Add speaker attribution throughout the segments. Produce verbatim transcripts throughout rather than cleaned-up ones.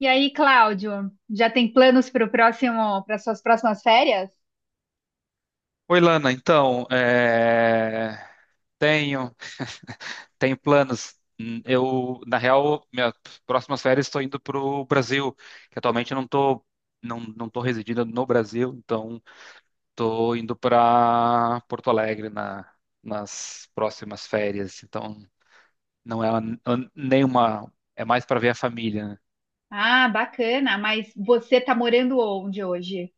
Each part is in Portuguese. Speaker 1: E aí, Cláudio, já tem planos para o próximo, para suas próximas férias?
Speaker 2: Oi, Lana. Então, é, tenho tenho planos. Hum, Eu, na real, minhas próximas férias estou indo para o Brasil, que atualmente não estou não, não tô residindo no Brasil, então estou indo para Porto Alegre na, nas próximas férias. Então, não é uma- nenhuma, é mais para ver a família, né?
Speaker 1: Ah, bacana, mas você está morando onde hoje?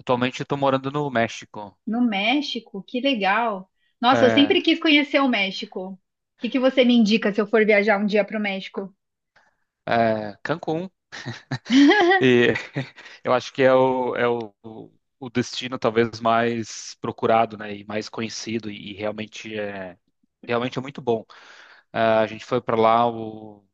Speaker 2: Atualmente estou morando no México,
Speaker 1: No México? Que legal. Nossa, eu
Speaker 2: é,
Speaker 1: sempre quis conhecer o México. O que que você me indica se eu for viajar um dia para o México?
Speaker 2: é, Cancún. E eu acho que é o, é o, o destino talvez mais procurado, né, e mais conhecido e, e realmente é realmente é muito bom. Ah, a gente foi para lá o,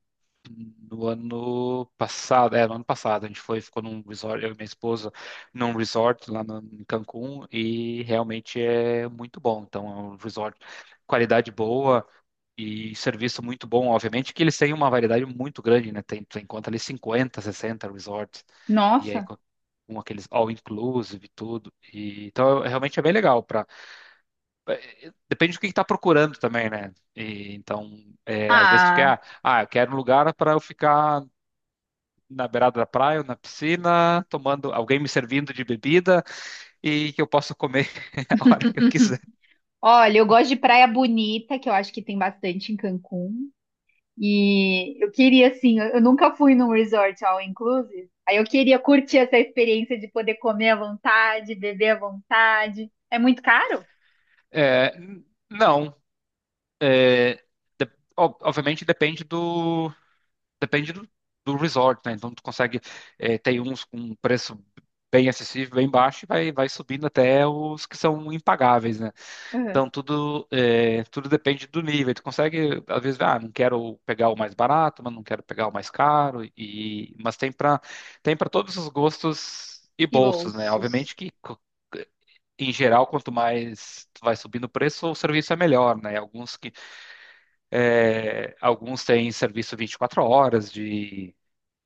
Speaker 2: no ano passado, é, no ano passado a gente foi, ficou num resort, eu e minha esposa, num resort lá no, em Cancún e realmente é muito bom. Então é um resort qualidade boa e serviço muito bom, obviamente, que eles têm uma variedade muito grande, né? Tem, tu encontra ali cinquenta, sessenta resorts, e aí
Speaker 1: Nossa.
Speaker 2: com com aqueles all inclusive e tudo. E, então, é- realmente é bem legal. Pra, é, depende do que está procurando também, né? E, então, é, às vezes tu quer,
Speaker 1: Ah,
Speaker 2: ah, ah, eu quero um lugar para eu ficar na beirada da praia, ou na piscina, tomando, alguém me servindo de bebida e que eu possa comer a hora que eu quiser.
Speaker 1: olha, eu gosto de praia bonita, que eu acho que tem bastante em Cancún. E eu queria, assim, eu eu nunca fui num resort all inclusive. Aí eu queria curtir essa experiência de poder comer à vontade, beber à vontade. É muito caro?
Speaker 2: É, n- não, é, ob- obviamente depende do Depende do, do resort, né? Então tu consegue, eh, tem uns com preço bem acessível, bem baixo, e vai, vai subindo até os que são impagáveis, né?
Speaker 1: Uhum.
Speaker 2: Então tudo, eh, tudo depende do nível. Tu consegue, às vezes, ah, não quero pegar o mais barato, mas não quero pegar o mais caro, e, mas tem para tem para todos os gostos e
Speaker 1: E
Speaker 2: bolsos, né?
Speaker 1: bolsos.
Speaker 2: Obviamente que co- em geral, quanto mais tu vai subindo o preço, o serviço é melhor, né? Alguns que eh, alguns têm serviço 24 horas de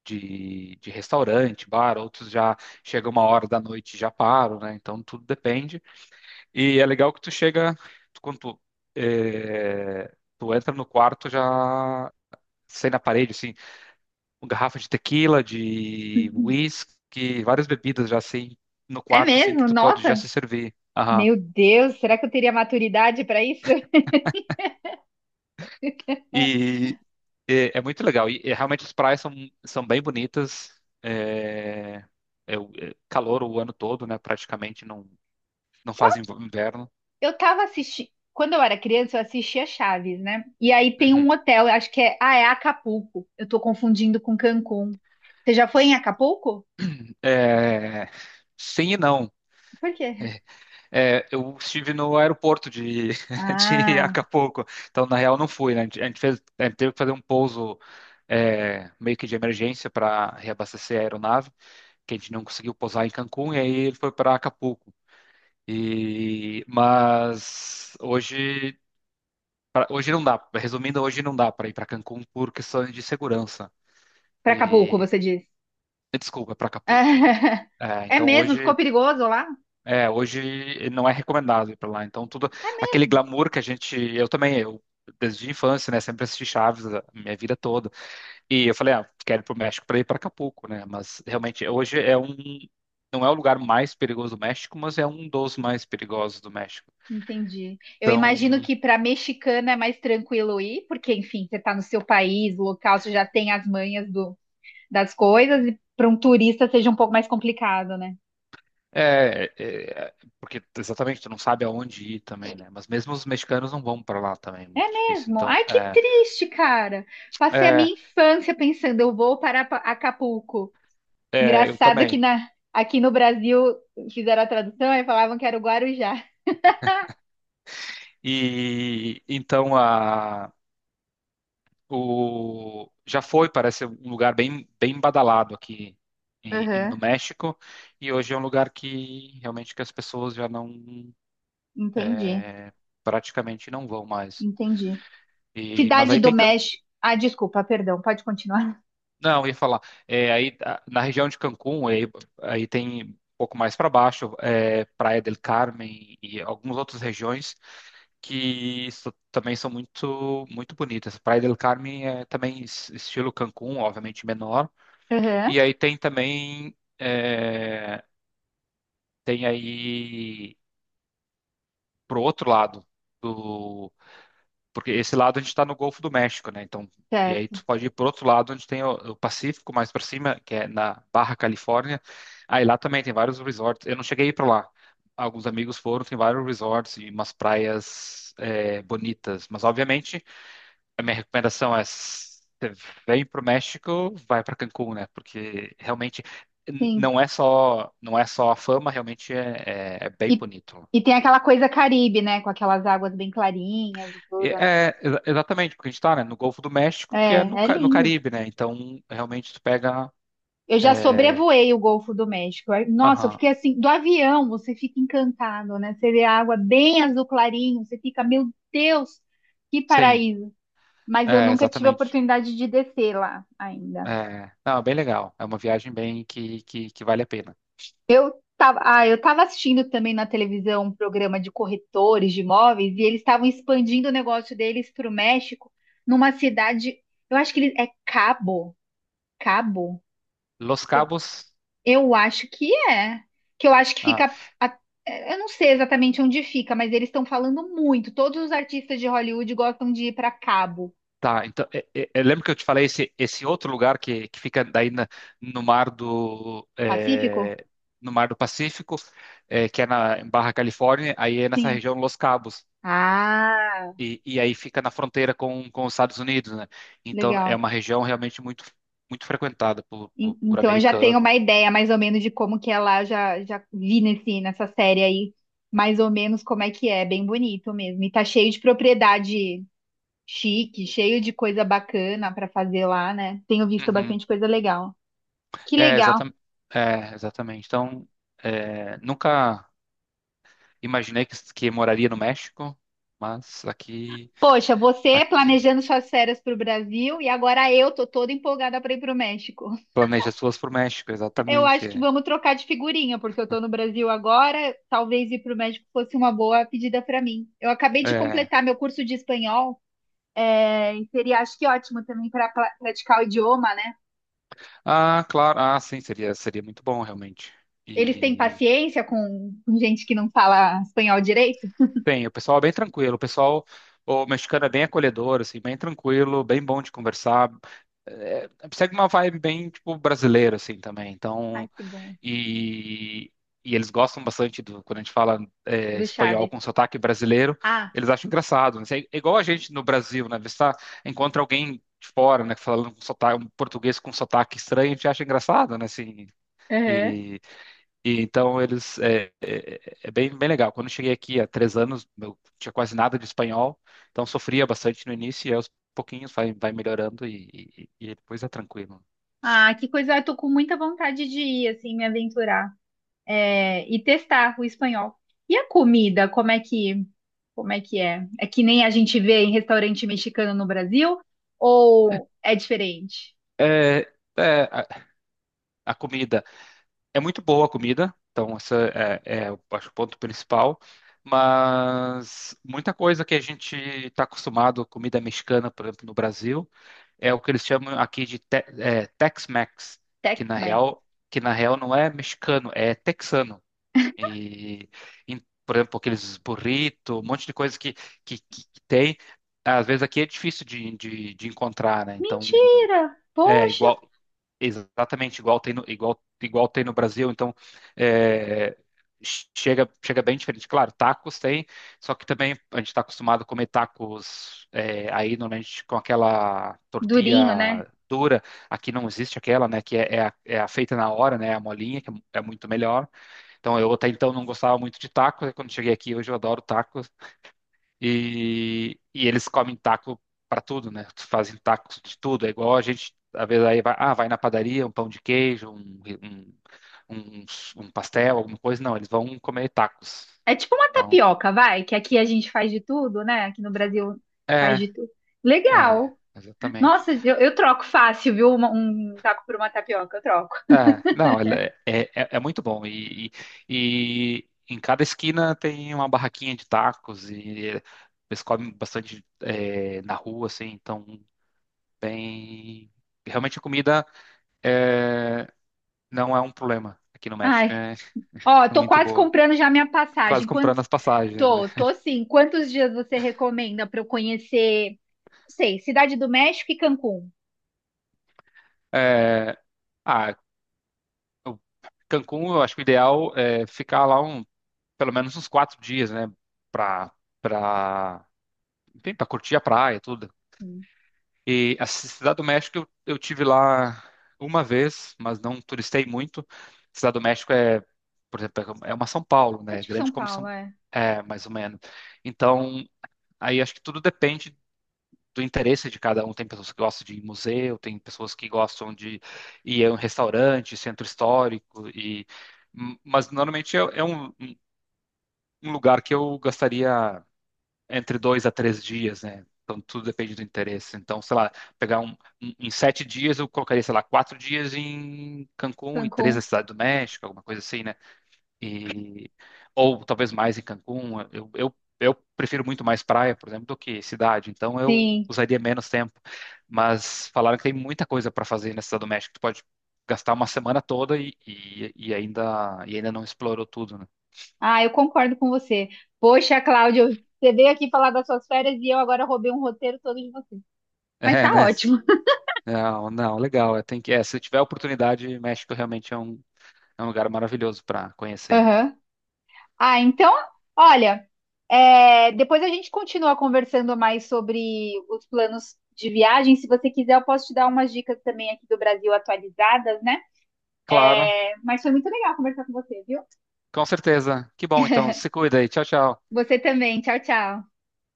Speaker 2: de, de restaurante, bar, outros já chega uma hora da noite e já param, né? Então tudo depende. E é legal que tu chega, tu- quando tu, eh, tu entra no quarto já sai na parede, assim, uma garrafa de tequila, de
Speaker 1: Uhum.
Speaker 2: whisky, várias bebidas já assim no
Speaker 1: É
Speaker 2: quarto, assim, que
Speaker 1: mesmo?
Speaker 2: tu pode já
Speaker 1: Nossa!
Speaker 2: se servir. Aham.
Speaker 1: Meu Deus, será que eu teria maturidade para isso?
Speaker 2: E é, é muito legal. E, e realmente as praias são, são bem bonitas. É, é o- é calor o ano todo, né? Praticamente não, Não
Speaker 1: Qual-
Speaker 2: fazem inverno.
Speaker 1: Eu tava assistindo. Quando eu era criança, eu assistia Chaves, né? E aí tem
Speaker 2: Uhum.
Speaker 1: um hotel, eu acho que é. Ah, é Acapulco. Eu tô confundindo com Cancún. Você já foi em Acapulco?
Speaker 2: É, sim e não.
Speaker 1: Por quê?
Speaker 2: É, eu estive no aeroporto de, de
Speaker 1: Ah.
Speaker 2: Acapulco, então na real não fui, né? A gente a gente fez, a gente teve que fazer um pouso é, meio que de emergência para reabastecer a aeronave, que a gente não conseguiu pousar em Cancún e aí ele foi para Acapulco. E mas hoje pra- hoje não dá. Resumindo, hoje não dá para ir para Cancún por questões de segurança.
Speaker 1: Pra Acapulco,
Speaker 2: E
Speaker 1: você diz.
Speaker 2: desculpa, para Acapulco. É,
Speaker 1: É
Speaker 2: então
Speaker 1: mesmo? Ficou
Speaker 2: hoje
Speaker 1: perigoso lá?
Speaker 2: É, hoje não é recomendado ir para lá. Então, tudo aquele glamour que a gente. Eu também, eu desde a infância, né? Sempre assisti Chaves a minha vida toda. E eu falei, ah, quero ir para o México para ir para Acapulco, né? Mas realmente, hoje é um. Não é o lugar mais perigoso do México, mas é um dos mais perigosos do México.
Speaker 1: Entendi. Eu imagino
Speaker 2: Então,
Speaker 1: que para mexicana é mais tranquilo ir, porque, enfim, você está no seu país, local, você já tem as manhas do- das coisas, e para um turista seja um pouco mais complicado, né?
Speaker 2: é. é- porque exatamente, tu não sabe aonde ir também, né? Mas mesmo os mexicanos não vão para lá também, é
Speaker 1: É
Speaker 2: muito difícil.
Speaker 1: mesmo?
Speaker 2: Então,
Speaker 1: Ai, que
Speaker 2: é.
Speaker 1: triste, cara. Passei a
Speaker 2: É,
Speaker 1: minha infância pensando, eu vou para Pa- Acapulco.
Speaker 2: é eu
Speaker 1: Engraçado que
Speaker 2: também.
Speaker 1: na, aqui no Brasil fizeram a tradução e falavam que era o Guarujá.
Speaker 2: E então a o já foi, parece um lugar bem bem badalado aqui em- em- no
Speaker 1: Aham,
Speaker 2: México e hoje é um lugar que realmente que as pessoas já não,
Speaker 1: entendi,
Speaker 2: é, praticamente não vão mais.
Speaker 1: entendi.
Speaker 2: E mas
Speaker 1: Cidade
Speaker 2: aí
Speaker 1: do
Speaker 2: tem Can-
Speaker 1: México. Ah, desculpa, perdão, pode continuar.
Speaker 2: não, eu ia falar, é, aí a- na região de Cancún, aí, aí tem um pouco mais para baixo, é, Praia del Carmen e algumas outras regiões que so- também são muito muito bonitas. Praia del Carmen é também es- estilo Cancún, obviamente menor.
Speaker 1: Aham,
Speaker 2: E aí tem também, é, tem aí pro outro lado do, porque esse lado a gente está no Golfo do México, né? Então, e aí
Speaker 1: certo.
Speaker 2: tu pode ir pro outro lado onde tem o, o Pacífico mais para cima, que é na Barra Califórnia. Aí lá também tem vários resorts. Eu não cheguei para lá. Alguns amigos foram, tem vários resorts e umas praias é, bonitas, mas obviamente a minha recomendação é você vem para o México, vai para Cancún, né? Porque realmente n-
Speaker 1: Sim.
Speaker 2: não é só não é só a fama, realmente é, é- é bem
Speaker 1: E,
Speaker 2: bonito.
Speaker 1: e tem aquela coisa Caribe, né? Com aquelas águas bem clarinhas e
Speaker 2: E
Speaker 1: tudo, né?
Speaker 2: é exa- exatamente porque a gente está, né, no Golfo do México,
Speaker 1: É,
Speaker 2: que é no,
Speaker 1: é
Speaker 2: Ca- no
Speaker 1: lindo.
Speaker 2: Caribe, né? Então realmente tu pega,
Speaker 1: Eu já
Speaker 2: é,
Speaker 1: sobrevoei o Golfo do México. Aí, nossa, eu
Speaker 2: aham,
Speaker 1: fiquei assim, do avião você fica encantado, né? Você vê a água bem azul clarinho, você fica, meu Deus, que
Speaker 2: sim,
Speaker 1: paraíso. Mas eu
Speaker 2: é,
Speaker 1: nunca tive a
Speaker 2: exatamente.
Speaker 1: oportunidade de descer lá ainda.
Speaker 2: É, não, é bem legal. É uma viagem bem que, que, que vale a pena.
Speaker 1: Tava- ah, eu estava assistindo também na televisão um programa de corretores de imóveis e eles estavam expandindo o negócio deles para o México, numa cidade, eu acho que ele é Cabo, Cabo,
Speaker 2: Los Cabos,
Speaker 1: eu acho que é, que eu acho que
Speaker 2: ah,
Speaker 1: fica, a- é, eu não sei exatamente onde fica, mas eles estão falando muito. Todos os artistas de Hollywood gostam de ir para Cabo,
Speaker 2: Tá, então, é- é- eu lembro que eu te falei esse, esse outro lugar que, que fica daí na- no mar do,
Speaker 1: Pacífico?
Speaker 2: é, no mar do Pacífico, é, que é na em Barra Califórnia, aí é nessa
Speaker 1: Sim.
Speaker 2: região Los Cabos,
Speaker 1: Ah,
Speaker 2: e, e aí fica na fronteira com, com os Estados Unidos, né? Então é
Speaker 1: legal.
Speaker 2: uma região realmente muito, muito frequentada por,
Speaker 1: En-
Speaker 2: por, por
Speaker 1: Então eu já tenho uma
Speaker 2: americano.
Speaker 1: ideia mais ou menos de como que é lá, já, já vi nesse, nessa série aí, mais ou menos como é que é, bem bonito mesmo. E tá cheio de propriedade chique, cheio de coisa bacana pra fazer lá, né? Tenho visto
Speaker 2: Uhum.
Speaker 1: bastante coisa legal. Que
Speaker 2: É,
Speaker 1: legal.
Speaker 2: exatamente. É, exatamente. Então, é, nunca imaginei que, que moraria no México, mas aqui.
Speaker 1: Poxa, você
Speaker 2: aqui
Speaker 1: planejando suas férias pro Brasil e agora eu tô toda empolgada pra ir pro México.
Speaker 2: Planeja suas pro México,
Speaker 1: Eu
Speaker 2: exatamente.
Speaker 1: acho que
Speaker 2: É.
Speaker 1: vamos trocar de figurinha, porque eu tô no Brasil agora. Talvez ir para o México fosse uma boa pedida para mim. Eu acabei de
Speaker 2: É.
Speaker 1: completar meu curso de espanhol. É, e seria, acho que ótimo também para praticar o idioma, né?
Speaker 2: Ah, claro. Ah, sim, seria, seria muito bom, realmente.
Speaker 1: Eles têm
Speaker 2: E
Speaker 1: paciência com, com gente que não fala espanhol direito?
Speaker 2: bem, o pessoal é bem tranquilo. O pessoal, o mexicano é bem acolhedor, assim, bem tranquilo, bem bom de conversar. É, segue uma vibe bem, tipo, brasileira, assim, também.
Speaker 1: Ai,
Speaker 2: Então,
Speaker 1: que bom.
Speaker 2: E, e eles gostam bastante do, quando a gente fala é,
Speaker 1: Do
Speaker 2: espanhol
Speaker 1: Chaves.
Speaker 2: com sotaque brasileiro,
Speaker 1: Ah,
Speaker 2: eles acham engraçado, né? É igual a gente no Brasil, né? Você tá- encontra alguém de fora, né, falando com sotaque, um português com sotaque estranho, a gente acha engraçado, né? Assim,
Speaker 1: uhum.
Speaker 2: e, e então eles é, é, é bem, bem legal. Quando eu cheguei aqui há três anos, eu tinha quase nada de espanhol, então sofria bastante no início e aos pouquinhos vai, vai melhorando e, e, e depois é tranquilo.
Speaker 1: Ah, que coisa, eu tô com muita vontade de ir, assim, me aventurar, é, e testar o espanhol. E a comida, como é que, como é que é? É que nem a gente vê em restaurante mexicano no Brasil, ou é diferente?
Speaker 2: É, é, a, a comida é muito boa a comida, então essa é, é, eu acho, o ponto principal. Mas muita coisa que a gente está acostumado, comida mexicana, por exemplo, no Brasil, é o que eles chamam aqui de te- é, Tex-Mex, que na
Speaker 1: Tex-Mex.
Speaker 2: real, que na real não é mexicano, é texano. E, em- por exemplo, aqueles burrito, um monte de coisa que, que, que que tem. Às vezes aqui é difícil de, de, de encontrar, né? Então,
Speaker 1: Mentira!
Speaker 2: é
Speaker 1: Poxa,
Speaker 2: igual. Exatamente, igual tem no, igual, igual tem no Brasil, então é, chega, chega bem diferente. Claro, tacos tem, só que também a gente está acostumado a comer tacos é, aí normalmente com aquela
Speaker 1: durinho, né?
Speaker 2: tortilha dura, aqui não existe aquela, né, que é, é a, é a feita na hora, né, é a molinha, que é é muito melhor. Então eu até então não gostava muito de tacos, e quando cheguei aqui hoje eu adoro tacos, e, e eles comem taco para tudo, né? Fazem tacos de tudo. É igual a gente, às vezes, aí vai, ah, vai na padaria, um pão de queijo, um, um, um, um, pastel, alguma coisa. Não, eles vão comer tacos.
Speaker 1: É tipo uma
Speaker 2: Então,
Speaker 1: tapioca, vai, que aqui a gente faz de tudo, né? Aqui no Brasil faz
Speaker 2: é,
Speaker 1: de tudo.
Speaker 2: é,
Speaker 1: Legal.
Speaker 2: exatamente.
Speaker 1: Nossa, eu, eu troco fácil, viu? Uma- Um, taco por uma tapioca, eu troco.
Speaker 2: É, não, ela é, é, é é muito bom. E, e, e em cada esquina tem uma barraquinha de tacos e eles comem bastante é, na rua, assim. Então, bem realmente a comida. é, não é um problema aqui no México.
Speaker 1: Ai,
Speaker 2: É,
Speaker 1: ó,
Speaker 2: é
Speaker 1: tô
Speaker 2: muito
Speaker 1: quase
Speaker 2: boa.
Speaker 1: comprando já minha
Speaker 2: Quase
Speaker 1: passagem.
Speaker 2: comprando
Speaker 1: Quantos?
Speaker 2: as passagens, né?
Speaker 1: Tô, tô sim. Quantos dias você recomenda pra eu conhecer? Não sei, Cidade do México e Cancún.
Speaker 2: É, ah, o Cancún, eu acho que o ideal é ficar lá um, pelo menos uns quatro dias, né? Pra, pra, Enfim, pra curtir a praia, tudo.
Speaker 1: Hum,
Speaker 2: E a Cidade do México eu, eu tive lá uma vez, mas não turistei muito. Cidade do México é, por exemplo, é uma São Paulo,
Speaker 1: É
Speaker 2: né?
Speaker 1: tipo São
Speaker 2: Grande como
Speaker 1: Paulo,
Speaker 2: São,
Speaker 1: é.
Speaker 2: é, mais ou menos. Então, aí acho que tudo depende do interesse de cada um. Tem pessoas que gostam de ir em museu, tem pessoas que gostam de ir a um restaurante, centro histórico, e mas normalmente é, é um, um lugar que eu gastaria entre dois a três dias, né? Então tudo depende do interesse. Então, sei lá, pegar um em em sete dias eu colocaria, sei lá, quatro dias em Cancún e três na
Speaker 1: Cancún,
Speaker 2: Cidade do México, alguma coisa assim, né? E ou talvez mais em Cancún. Eu, eu, eu prefiro muito mais praia, por exemplo, do que cidade, então eu
Speaker 1: sim.
Speaker 2: usaria menos tempo. Mas falaram que tem muita coisa para fazer na Cidade do México. Tu pode gastar uma semana toda e, e, e ainda e ainda não explorou tudo, né?
Speaker 1: Ah, eu concordo com você. Poxa, Cláudio, você veio aqui falar das suas férias e eu agora roubei um roteiro todo de você. Mas
Speaker 2: É,
Speaker 1: tá
Speaker 2: né?
Speaker 1: ótimo.
Speaker 2: Não, não, legal. é, Tem que, é, se tiver oportunidade, México realmente é um, é um, lugar maravilhoso para conhecer.
Speaker 1: Aham. Ah, então, olha, é, depois a gente continua conversando mais sobre os planos de viagem. Se você quiser, eu posso te dar umas dicas também aqui do Brasil atualizadas, né?
Speaker 2: Claro,
Speaker 1: É, mas foi muito legal conversar com você, viu?
Speaker 2: com certeza. Que bom, então. Se cuida aí. Tchau, tchau.
Speaker 1: Você também. Tchau, tchau.